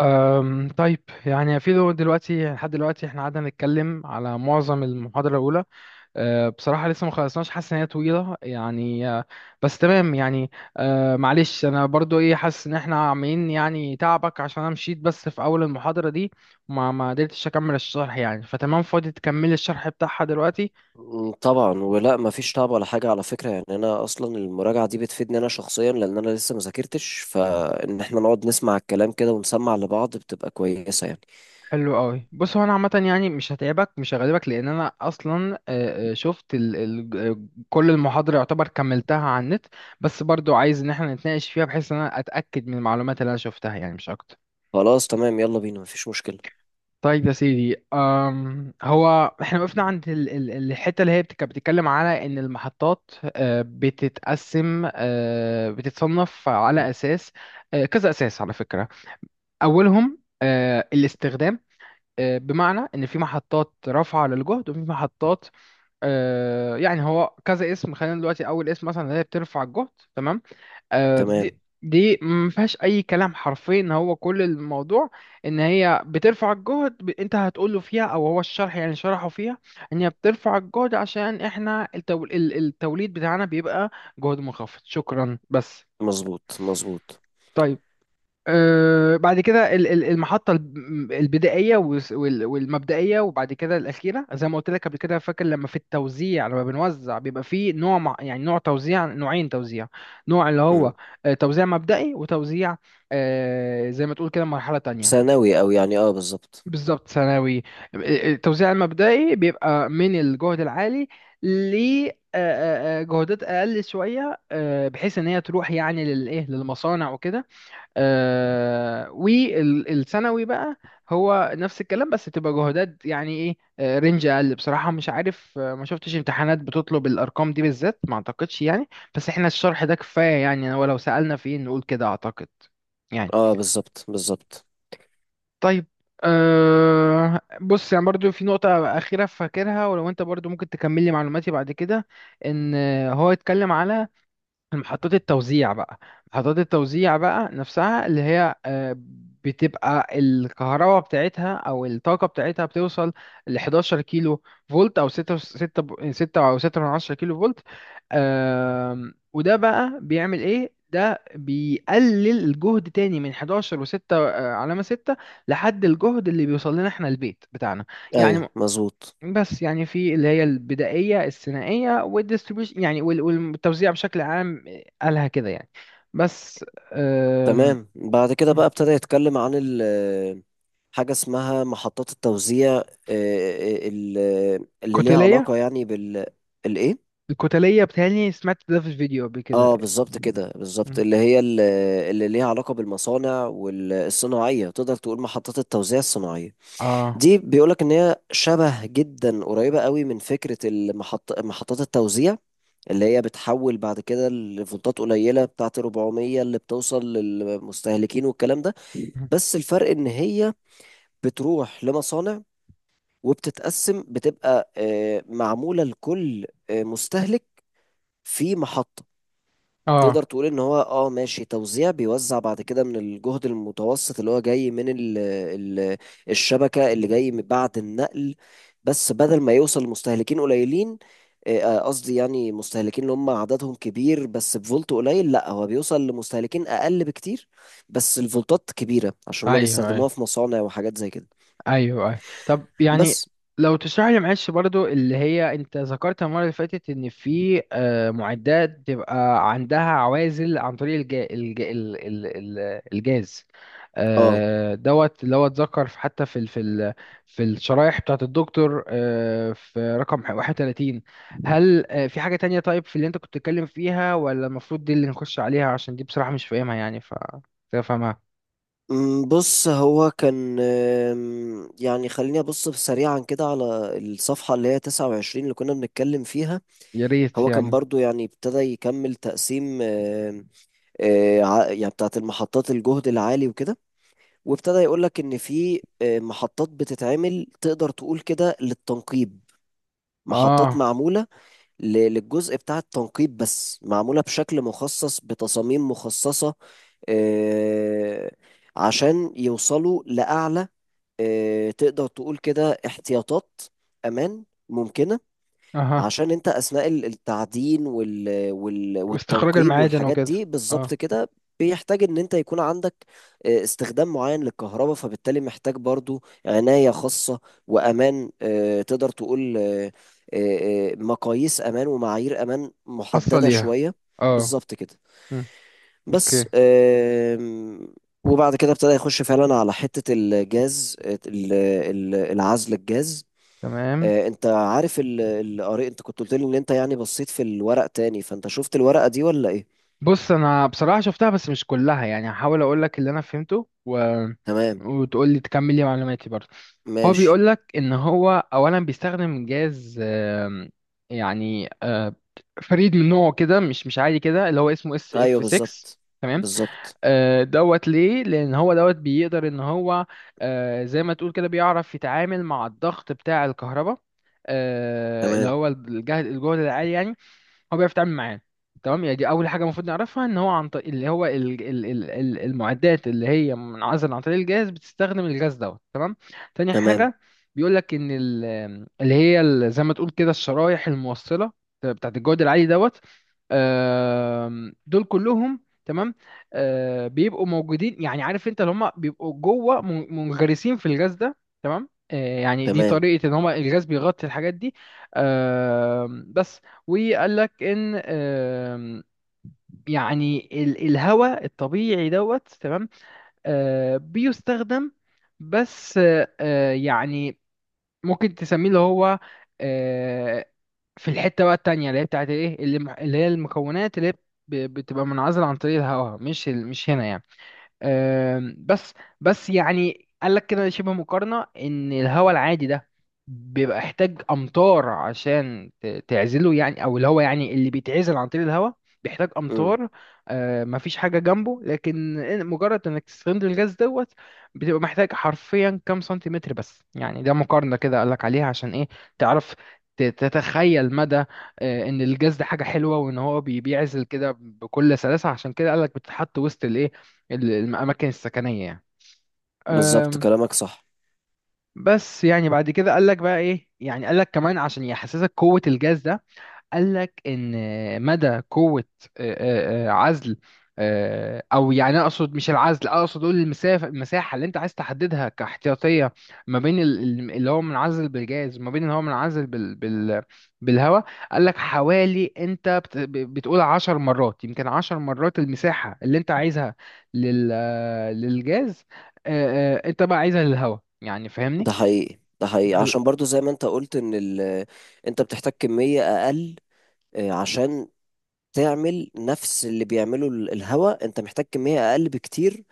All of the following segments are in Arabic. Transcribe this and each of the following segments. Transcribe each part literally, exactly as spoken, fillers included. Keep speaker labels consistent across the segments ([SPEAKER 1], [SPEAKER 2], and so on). [SPEAKER 1] أم طيب يعني في دو- دلوقتي لحد دلوقتي احنا قعدنا نتكلم على معظم المحاضرة الأولى. أه بصراحة لسه ما خلصناش، حاسس إن هي طويلة يعني. أه بس تمام يعني. أه معلش أنا برضو إيه، حاسس إن احنا عاملين يعني تعبك، عشان أنا مشيت بس في أول المحاضرة دي وما ما قدرتش أكمل الشرح يعني. فتمام، فاضي تكملي الشرح بتاعها دلوقتي.
[SPEAKER 2] مم، طبعا، ولا ما فيش تعب ولا حاجه على فكره، يعني انا اصلا المراجعه دي بتفيدني انا شخصيا، لان انا لسه ما ذاكرتش، فان احنا نقعد نسمع الكلام كده ونسمع لبعض بتبقى كويسه يعني.
[SPEAKER 1] حلو قوي. بص، هو انا عامه يعني مش هتعبك مش هغلبك، لان انا اصلا آه، آه، شفت ال ال آه، كل المحاضره يعتبر كملتها على النت. بس برضو عايز ان احنا نتناقش فيها بحيث ان انا اتاكد من المعلومات اللي انا شفتها يعني، مش اكتر.
[SPEAKER 2] خلاص، تمام، يلا بينا، ما فيش مشكله.
[SPEAKER 1] طيب يا سيدي، أم هو احنا وقفنا عند ال ال الحته اللي هي بت- كانت بتتكلم على ان المحطات آه، بتتقسم، آه، بتتصنف على اساس آه، كذا اساس على فكره. اولهم آه، الاستخدام، آه، بمعنى ان في محطات رافعه للجهد وفي محطات. آه، يعني هو كذا اسم. خلينا دلوقتي اول اسم مثلا اللي هي بترفع الجهد. تمام. آه، دي
[SPEAKER 2] تمام،
[SPEAKER 1] دي ما فيهاش اي كلام، حرفيا ان هو كل الموضوع ان هي بترفع الجهد. ب- انت هتقول له فيها، او هو الشرح يعني شرحه فيها ان هي بترفع الجهد عشان احنا التو- ال- التوليد بتاعنا بيبقى جهد منخفض. شكرا بس.
[SPEAKER 2] مظبوط مظبوط.
[SPEAKER 1] طيب، آه، بعد كده ال- ال- المحطة الب- البدائية والس- وال- والمبدئية، وبعد كده الأخيرة. زي ما قلت لك قبل كده فاكر، لما في التوزيع لما بنوزع بيبقى فيه نوع مع- يعني نوع توزيع نوعين توزيع، نوع اللي هو
[SPEAKER 2] مم.
[SPEAKER 1] آه، توزيع مبدئي، وتوزيع آه، زي ما تقول كده مرحلة تانية.
[SPEAKER 2] ثانوي، او يعني اه بالظبط.
[SPEAKER 1] بالظبط ثانوي. آه، آه، التوزيع المبدئي بيبقى من الجهد العالي ل جهودات أقل شوية، آه، بحيث إن هي تروح يعني للإيه، للمصانع وكده. آه، والثانوي بقى هو نفس الكلام، بس بتبقى جهودات يعني ايه، آه، رينج اقل. بصراحه مش عارف، آه، ما شفتش امتحانات بتطلب الارقام دي بالذات، ما اعتقدش يعني. بس احنا الشرح ده كفايه يعني، ولو سالنا فين نقول كده اعتقد يعني.
[SPEAKER 2] اه، بالظبط بالظبط.
[SPEAKER 1] طيب، أه بص يعني برضو في نقطة أخيرة فاكرها، ولو أنت برضو ممكن تكملي معلوماتي بعد كده. إن هو يتكلم على محطات التوزيع بقى. محطات التوزيع بقى نفسها اللي هي آه، بتبقى الكهرباء بتاعتها او الطاقة بتاعتها بتوصل ل احداشر كيلو فولت، او ستة ستة ب- ستة، او ستة من عشرة كيلو فولت. آم، وده بقى بيعمل ايه؟ ده بيقلل الجهد تاني من احد عشر و6 علامة ستة لحد الجهد اللي بيوصل لنا احنا البيت بتاعنا يعني.
[SPEAKER 2] ايوه، مظبوط.
[SPEAKER 1] بس يعني في اللي هي البدائية الثنائية، والديستريبيوشن يعني وال- والتوزيع بشكل عام، قالها كده يعني. بس. أم،
[SPEAKER 2] تمام، بعد كده بقى ابتدى يتكلم عن ال حاجة اسمها محطات التوزيع، آه، آه، ال- اللي ليها
[SPEAKER 1] كتلية.
[SPEAKER 2] علاقة يعني بال الإيه؟
[SPEAKER 1] الكتلية، بتهيألي سمعت ده في الفيديو قبل كده.
[SPEAKER 2] اه بالظبط كده، بالظبط، اللي هي ال- اللي ليها علاقة بالمصانع والصناعية، تقدر تقول محطات التوزيع الصناعية.
[SPEAKER 1] اه.
[SPEAKER 2] دي بيقولك ان هي شبه جدا قريبة قوي من فكرة المحط... محطات التوزيع اللي هي بتحول بعد كده لفولتات قليلة بتاعت أربعمية اللي بتوصل للمستهلكين والكلام ده. بس الفرق ان هي بتروح لمصانع، وبتتقسم، بتبقى آه، معمولة لكل آه، مستهلك في محطة. تقدر
[SPEAKER 1] اه
[SPEAKER 2] تقول ان هو اه ماشي توزيع بيوزع بعد كده من الجهد المتوسط اللي هو جاي من ال ال الشبكة اللي جاي من بعد النقل، بس بدل ما يوصل لمستهلكين قليلين، آه، آه، قصدي يعني مستهلكين اللي هم عددهم كبير بس بفولت قليل، لا هو بيوصل لمستهلكين اقل بكتير، بس الفولتات كبيرة عشان هم
[SPEAKER 1] ايوه
[SPEAKER 2] بيستخدموها
[SPEAKER 1] ايوه
[SPEAKER 2] في مصانع وحاجات زي كده.
[SPEAKER 1] ايوه ايوه طب يعني،
[SPEAKER 2] بس
[SPEAKER 1] لو تشرح لي معلش برضو اللي هي انت ذكرت المره اللي فاتت ان في آه، معدات بتبقى عندها عوازل عن طريق الجا... الجا... ال... ال... ال- الجاز،
[SPEAKER 2] اه.
[SPEAKER 1] آه، دوت، اللي هو اتذكر في- حتى في ال... في ال... في الشرايح بتاعت الدكتور آه، في رقم احدى وثلاثين. هل آه، في حاجه تانية طيب في اللي انت كنت بتتكلم فيها؟ ولا المفروض دي اللي نخش عليها عشان دي بصراحه مش فاهمها يعني، ف تفهمها.
[SPEAKER 2] أمم، بص هو كان أم، يعني خليني أبص سريعا كده على الصفحة اللي هي تسعة وعشرين اللي كنا بنتكلم فيها.
[SPEAKER 1] يا ريت
[SPEAKER 2] هو كان
[SPEAKER 1] يعني.
[SPEAKER 2] برضو يعني ابتدى يكمل تقسيم، أم، أه، ع- يعني بتاعت المحطات الجهد العالي وكده. وابتدى يقولك إن في أه، محطات بتتعمل، تقدر تقول كده، للتنقيب. محطات
[SPEAKER 1] اه،
[SPEAKER 2] معمولة ل- للجزء بتاع التنقيب، بس معمولة بشكل مخصص بتصاميم مخصصة، أه، عشان يوصلوا لأعلى، آه، تقدر تقول كده احتياطات امان ممكنه، عشان انت اثناء ال- التعدين وال وال
[SPEAKER 1] واستخراج
[SPEAKER 2] والتنقيب
[SPEAKER 1] المعادن
[SPEAKER 2] والحاجات
[SPEAKER 1] وكده.
[SPEAKER 2] دي بالظبط
[SPEAKER 1] اه.
[SPEAKER 2] كده. بيحتاج ان انت يكون عندك آه، استخدام معين للكهرباء، فبالتالي محتاج برضو عناية خاصة وامان، آه، تقدر تقول آه، آه، آه، مقاييس امان ومعايير امان
[SPEAKER 1] خاصة
[SPEAKER 2] محددة
[SPEAKER 1] ليها.
[SPEAKER 2] شوية،
[SPEAKER 1] اه.
[SPEAKER 2] بالظبط كده.
[SPEAKER 1] مم. اوكي.
[SPEAKER 2] بس آم، وبعد كده ابتدى يخش فعلا على حتة الجاز، ال- ال- العزل الجاز.
[SPEAKER 1] تمام.
[SPEAKER 2] آه، انت عارف ال- ال- قري انت كنت قلت لي ان انت يعني بصيت في الورق تاني، فانت شفت الورقة دي ولا ايه؟
[SPEAKER 1] بص انا بصراحة شفتها بس مش كلها يعني، هحاول اقول لك اللي انا فهمته و...
[SPEAKER 2] تمام،
[SPEAKER 1] وتقول لي تكمل لي معلوماتي برضه. هو
[SPEAKER 2] ماشي،
[SPEAKER 1] بيقول لك ان هو اولا بيستخدم جاز آم، يعني آه، فريد من نوعه كده، مش مش عادي كده، اللي هو اسمه اس اف
[SPEAKER 2] ايوه
[SPEAKER 1] ستة.
[SPEAKER 2] بالظبط بالظبط،
[SPEAKER 1] آه، دوت. ليه؟ لان هو دوت بيقدر ان هو آه، زي ما تقول كده بيعرف يتعامل مع الضغط بتاع الكهرباء، آه، اللي
[SPEAKER 2] تمام
[SPEAKER 1] هو الجهد الجهد العالي يعني. هو بيعرف يتعامل معاه. تمام يعني دي اول حاجه المفروض نعرفها، ان هو عن طريق اللي هو ال ال ال ال المعدات اللي هي منعزله عن طريق الجهاز، بتستخدم الغاز دوت. تمام. تاني
[SPEAKER 2] تمام
[SPEAKER 1] حاجه، بيقول لك ان ال- اللي هي ال- زي ما تقول كده الشرايح الموصله بتاعت الجهد العالي دوت. آم، دول كلهم تمام آه، بيبقوا موجودين يعني، عارف انت اللي هم بيبقوا جوه، من- منغرسين في الغاز ده. تمام. آه، يعني دي
[SPEAKER 2] تمام،
[SPEAKER 1] طريقه ان هم الغاز بيغطي الحاجات دي. آم، بس وقال لك ان آم، يعني ال- الهواء الطبيعي دوت. تمام. آه، بيستخدم بس، آه، آه، يعني ممكن تسميه اللي هو آه، في الحتة بقى التانية اللي هي بتاعت ايه، اللي اللي هي المكونات اللي هي ب- بتبقى منعزلة عن طريق الهواء، مش ال- مش هنا يعني. آم، بس بس يعني قال لك كده شبه مقارنة، ان الهواء العادي ده بيبقى يحتاج امطار عشان ت- تعزله يعني، او اللي هو يعني اللي بيتعزل عن طريق الهواء بيحتاج
[SPEAKER 2] امم
[SPEAKER 1] امطار. آه، مفيش حاجة جنبه، لكن إن- مجرد انك تستخدم الغاز دوت، بتبقى محتاج حرفيا كام سنتيمتر بس يعني. ده مقارنة كده قال لك عليها عشان ايه؟ تعرف ت- تتخيل مدى آه، ان الجاز ده حاجة حلوة، وان هو بي- بيعزل كده بكل سلاسة. عشان كده قال لك بتتحط وسط الايه، ال- الأماكن السكنية يعني.
[SPEAKER 2] بالظبط،
[SPEAKER 1] أم،
[SPEAKER 2] كلامك صح.
[SPEAKER 1] بس يعني بعد كده قال لك بقى إيه، يعني قال لك كمان عشان يحسسك قوة الجاز ده، قال لك ان مدى قوه آه، آه، آه، عزل، آه، او يعني اقصد مش العزل، اقصد اقول المسافه، المساحه اللي انت عايز تحددها كاحتياطيه ما بين ال- ال- اللي هو منعزل بالجاز، وما بين اللي هو منعزل بال بال بالهواء. قال لك حوالي انت بت ب- بتقول عشر مرات، يمكن عشر مرات المساحه اللي انت عايزها لل آه، للجاز آه، آه، انت بقى عايزها للهواء. يعني فاهمني؟
[SPEAKER 2] ده حقيقي ده حقيقي،
[SPEAKER 1] ب-
[SPEAKER 2] عشان برضو زي ما انت قلت ان ال... انت بتحتاج كمية اقل، آه، عشان تعمل نفس اللي بيعمله ال- الهواء، انت محتاج كمية اقل بكتير،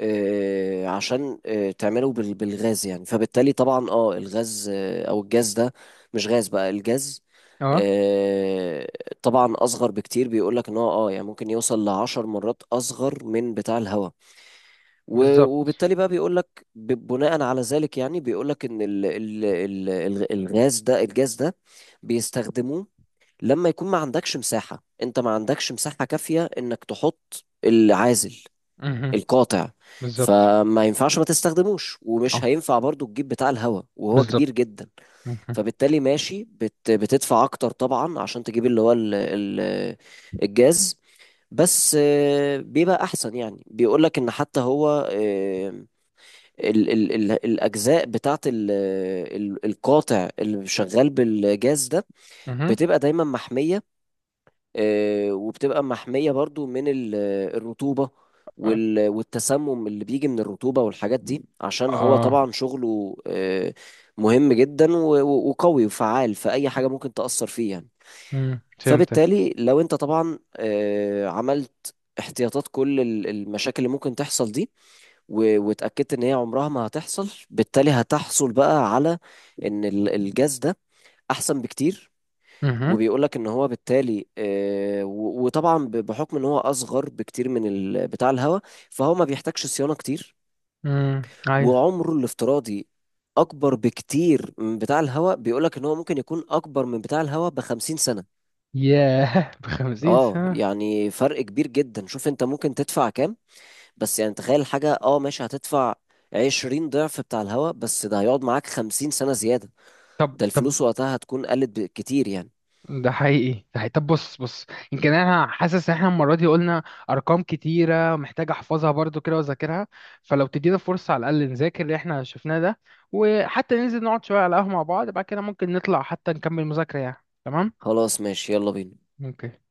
[SPEAKER 2] آه، عشان آه، تعمله بال- بالغاز يعني. فبالتالي طبعا اه الغاز، آه، او الجاز ده، مش غاز بقى، الجاز،
[SPEAKER 1] اه
[SPEAKER 2] آه، طبعا اصغر بكتير. بيقولك ان هو اه يعني ممكن يوصل لعشر مرات اصغر من بتاع الهواء، و-
[SPEAKER 1] بالظبط.
[SPEAKER 2] وبالتالي بقى بيقولك ب- بناء على ذلك، يعني بيقولك ان ال- ال- ال- الغاز ده، الجاز ده، بيستخدموه لما يكون ما عندكش مساحة، انت ما عندكش مساحة كافية انك تحط العازل
[SPEAKER 1] مهم.
[SPEAKER 2] القاطع،
[SPEAKER 1] بالظبط.
[SPEAKER 2] فما ينفعش ما تستخدموش،
[SPEAKER 1] اه
[SPEAKER 2] ومش هينفع برضو تجيب بتاع الهواء وهو
[SPEAKER 1] بالظبط.
[SPEAKER 2] كبير جدا.
[SPEAKER 1] مهم.
[SPEAKER 2] فبالتالي ماشي بت بتدفع اكتر طبعا، عشان تجيب اللي هو ال ال الجاز، بس آه، بيبقى احسن. يعني بيقولك ان حتى هو، آه، ال ال ال الاجزاء بتاعت ال ال القاطع اللي شغال بالجاز ده،
[SPEAKER 1] مهم.
[SPEAKER 2] بتبقى دايما محمية، آه، وبتبقى محمية برضو من ال- آه، الرطوبة،
[SPEAKER 1] اه.
[SPEAKER 2] وال- آه، والتسمم اللي بيجي من الرطوبة والحاجات دي، عشان هو
[SPEAKER 1] آه.
[SPEAKER 2] طبعا شغله آه، مهم جدا و- و- وقوي وفعال في أي حاجة ممكن تأثر فيه يعني.
[SPEAKER 1] مم. فهمتك.
[SPEAKER 2] فبالتالي لو انت طبعا آه، عملت احتياطات كل ال- المشاكل اللي ممكن تحصل دي، و- واتأكدت ان هي عمرها ما هتحصل، بالتالي هتحصل بقى على ان ال- الجاز ده احسن بكتير.
[SPEAKER 1] مهم.
[SPEAKER 2] وبيقول لك ان هو بالتالي، آه، و- وطبعا ب- بحكم ان هو اصغر بكتير من ال- بتاع الهواء، فهو ما بيحتاجش صيانه كتير،
[SPEAKER 1] مم. ايوه.
[SPEAKER 2] وعمره الافتراضي اكبر بكتير من بتاع الهواء. بيقول لك ان هو ممكن يكون اكبر من بتاع الهواء ب خمسين سنه.
[SPEAKER 1] ياه بخمسين
[SPEAKER 2] اه
[SPEAKER 1] سنة
[SPEAKER 2] يعني فرق كبير جدا. شوف انت ممكن تدفع كام، بس يعني تخيل حاجه، اه ماشي هتدفع عشرين ضعف بتاع الهواء، بس ده هيقعد معاك خمسين سنه زياده،
[SPEAKER 1] طب
[SPEAKER 2] ده
[SPEAKER 1] طب
[SPEAKER 2] الفلوس وقتها هتكون قلت كتير يعني.
[SPEAKER 1] ده حقيقي ده حقيقي طب بص بص يمكن انا حاسس ان احنا المرة دي قلنا ارقام كتيرة محتاج احفظها برضو كده واذاكرها. فلو تدينا فرصة على الاقل نذاكر اللي احنا شفناه ده، وحتى ننزل نقعد شوية على القهوة مع بعض، بعد كده ممكن نطلع حتى نكمل مذاكرة يعني. تمام؟
[SPEAKER 2] خلاص، ماشي، يلا بينا.
[SPEAKER 1] اوكي.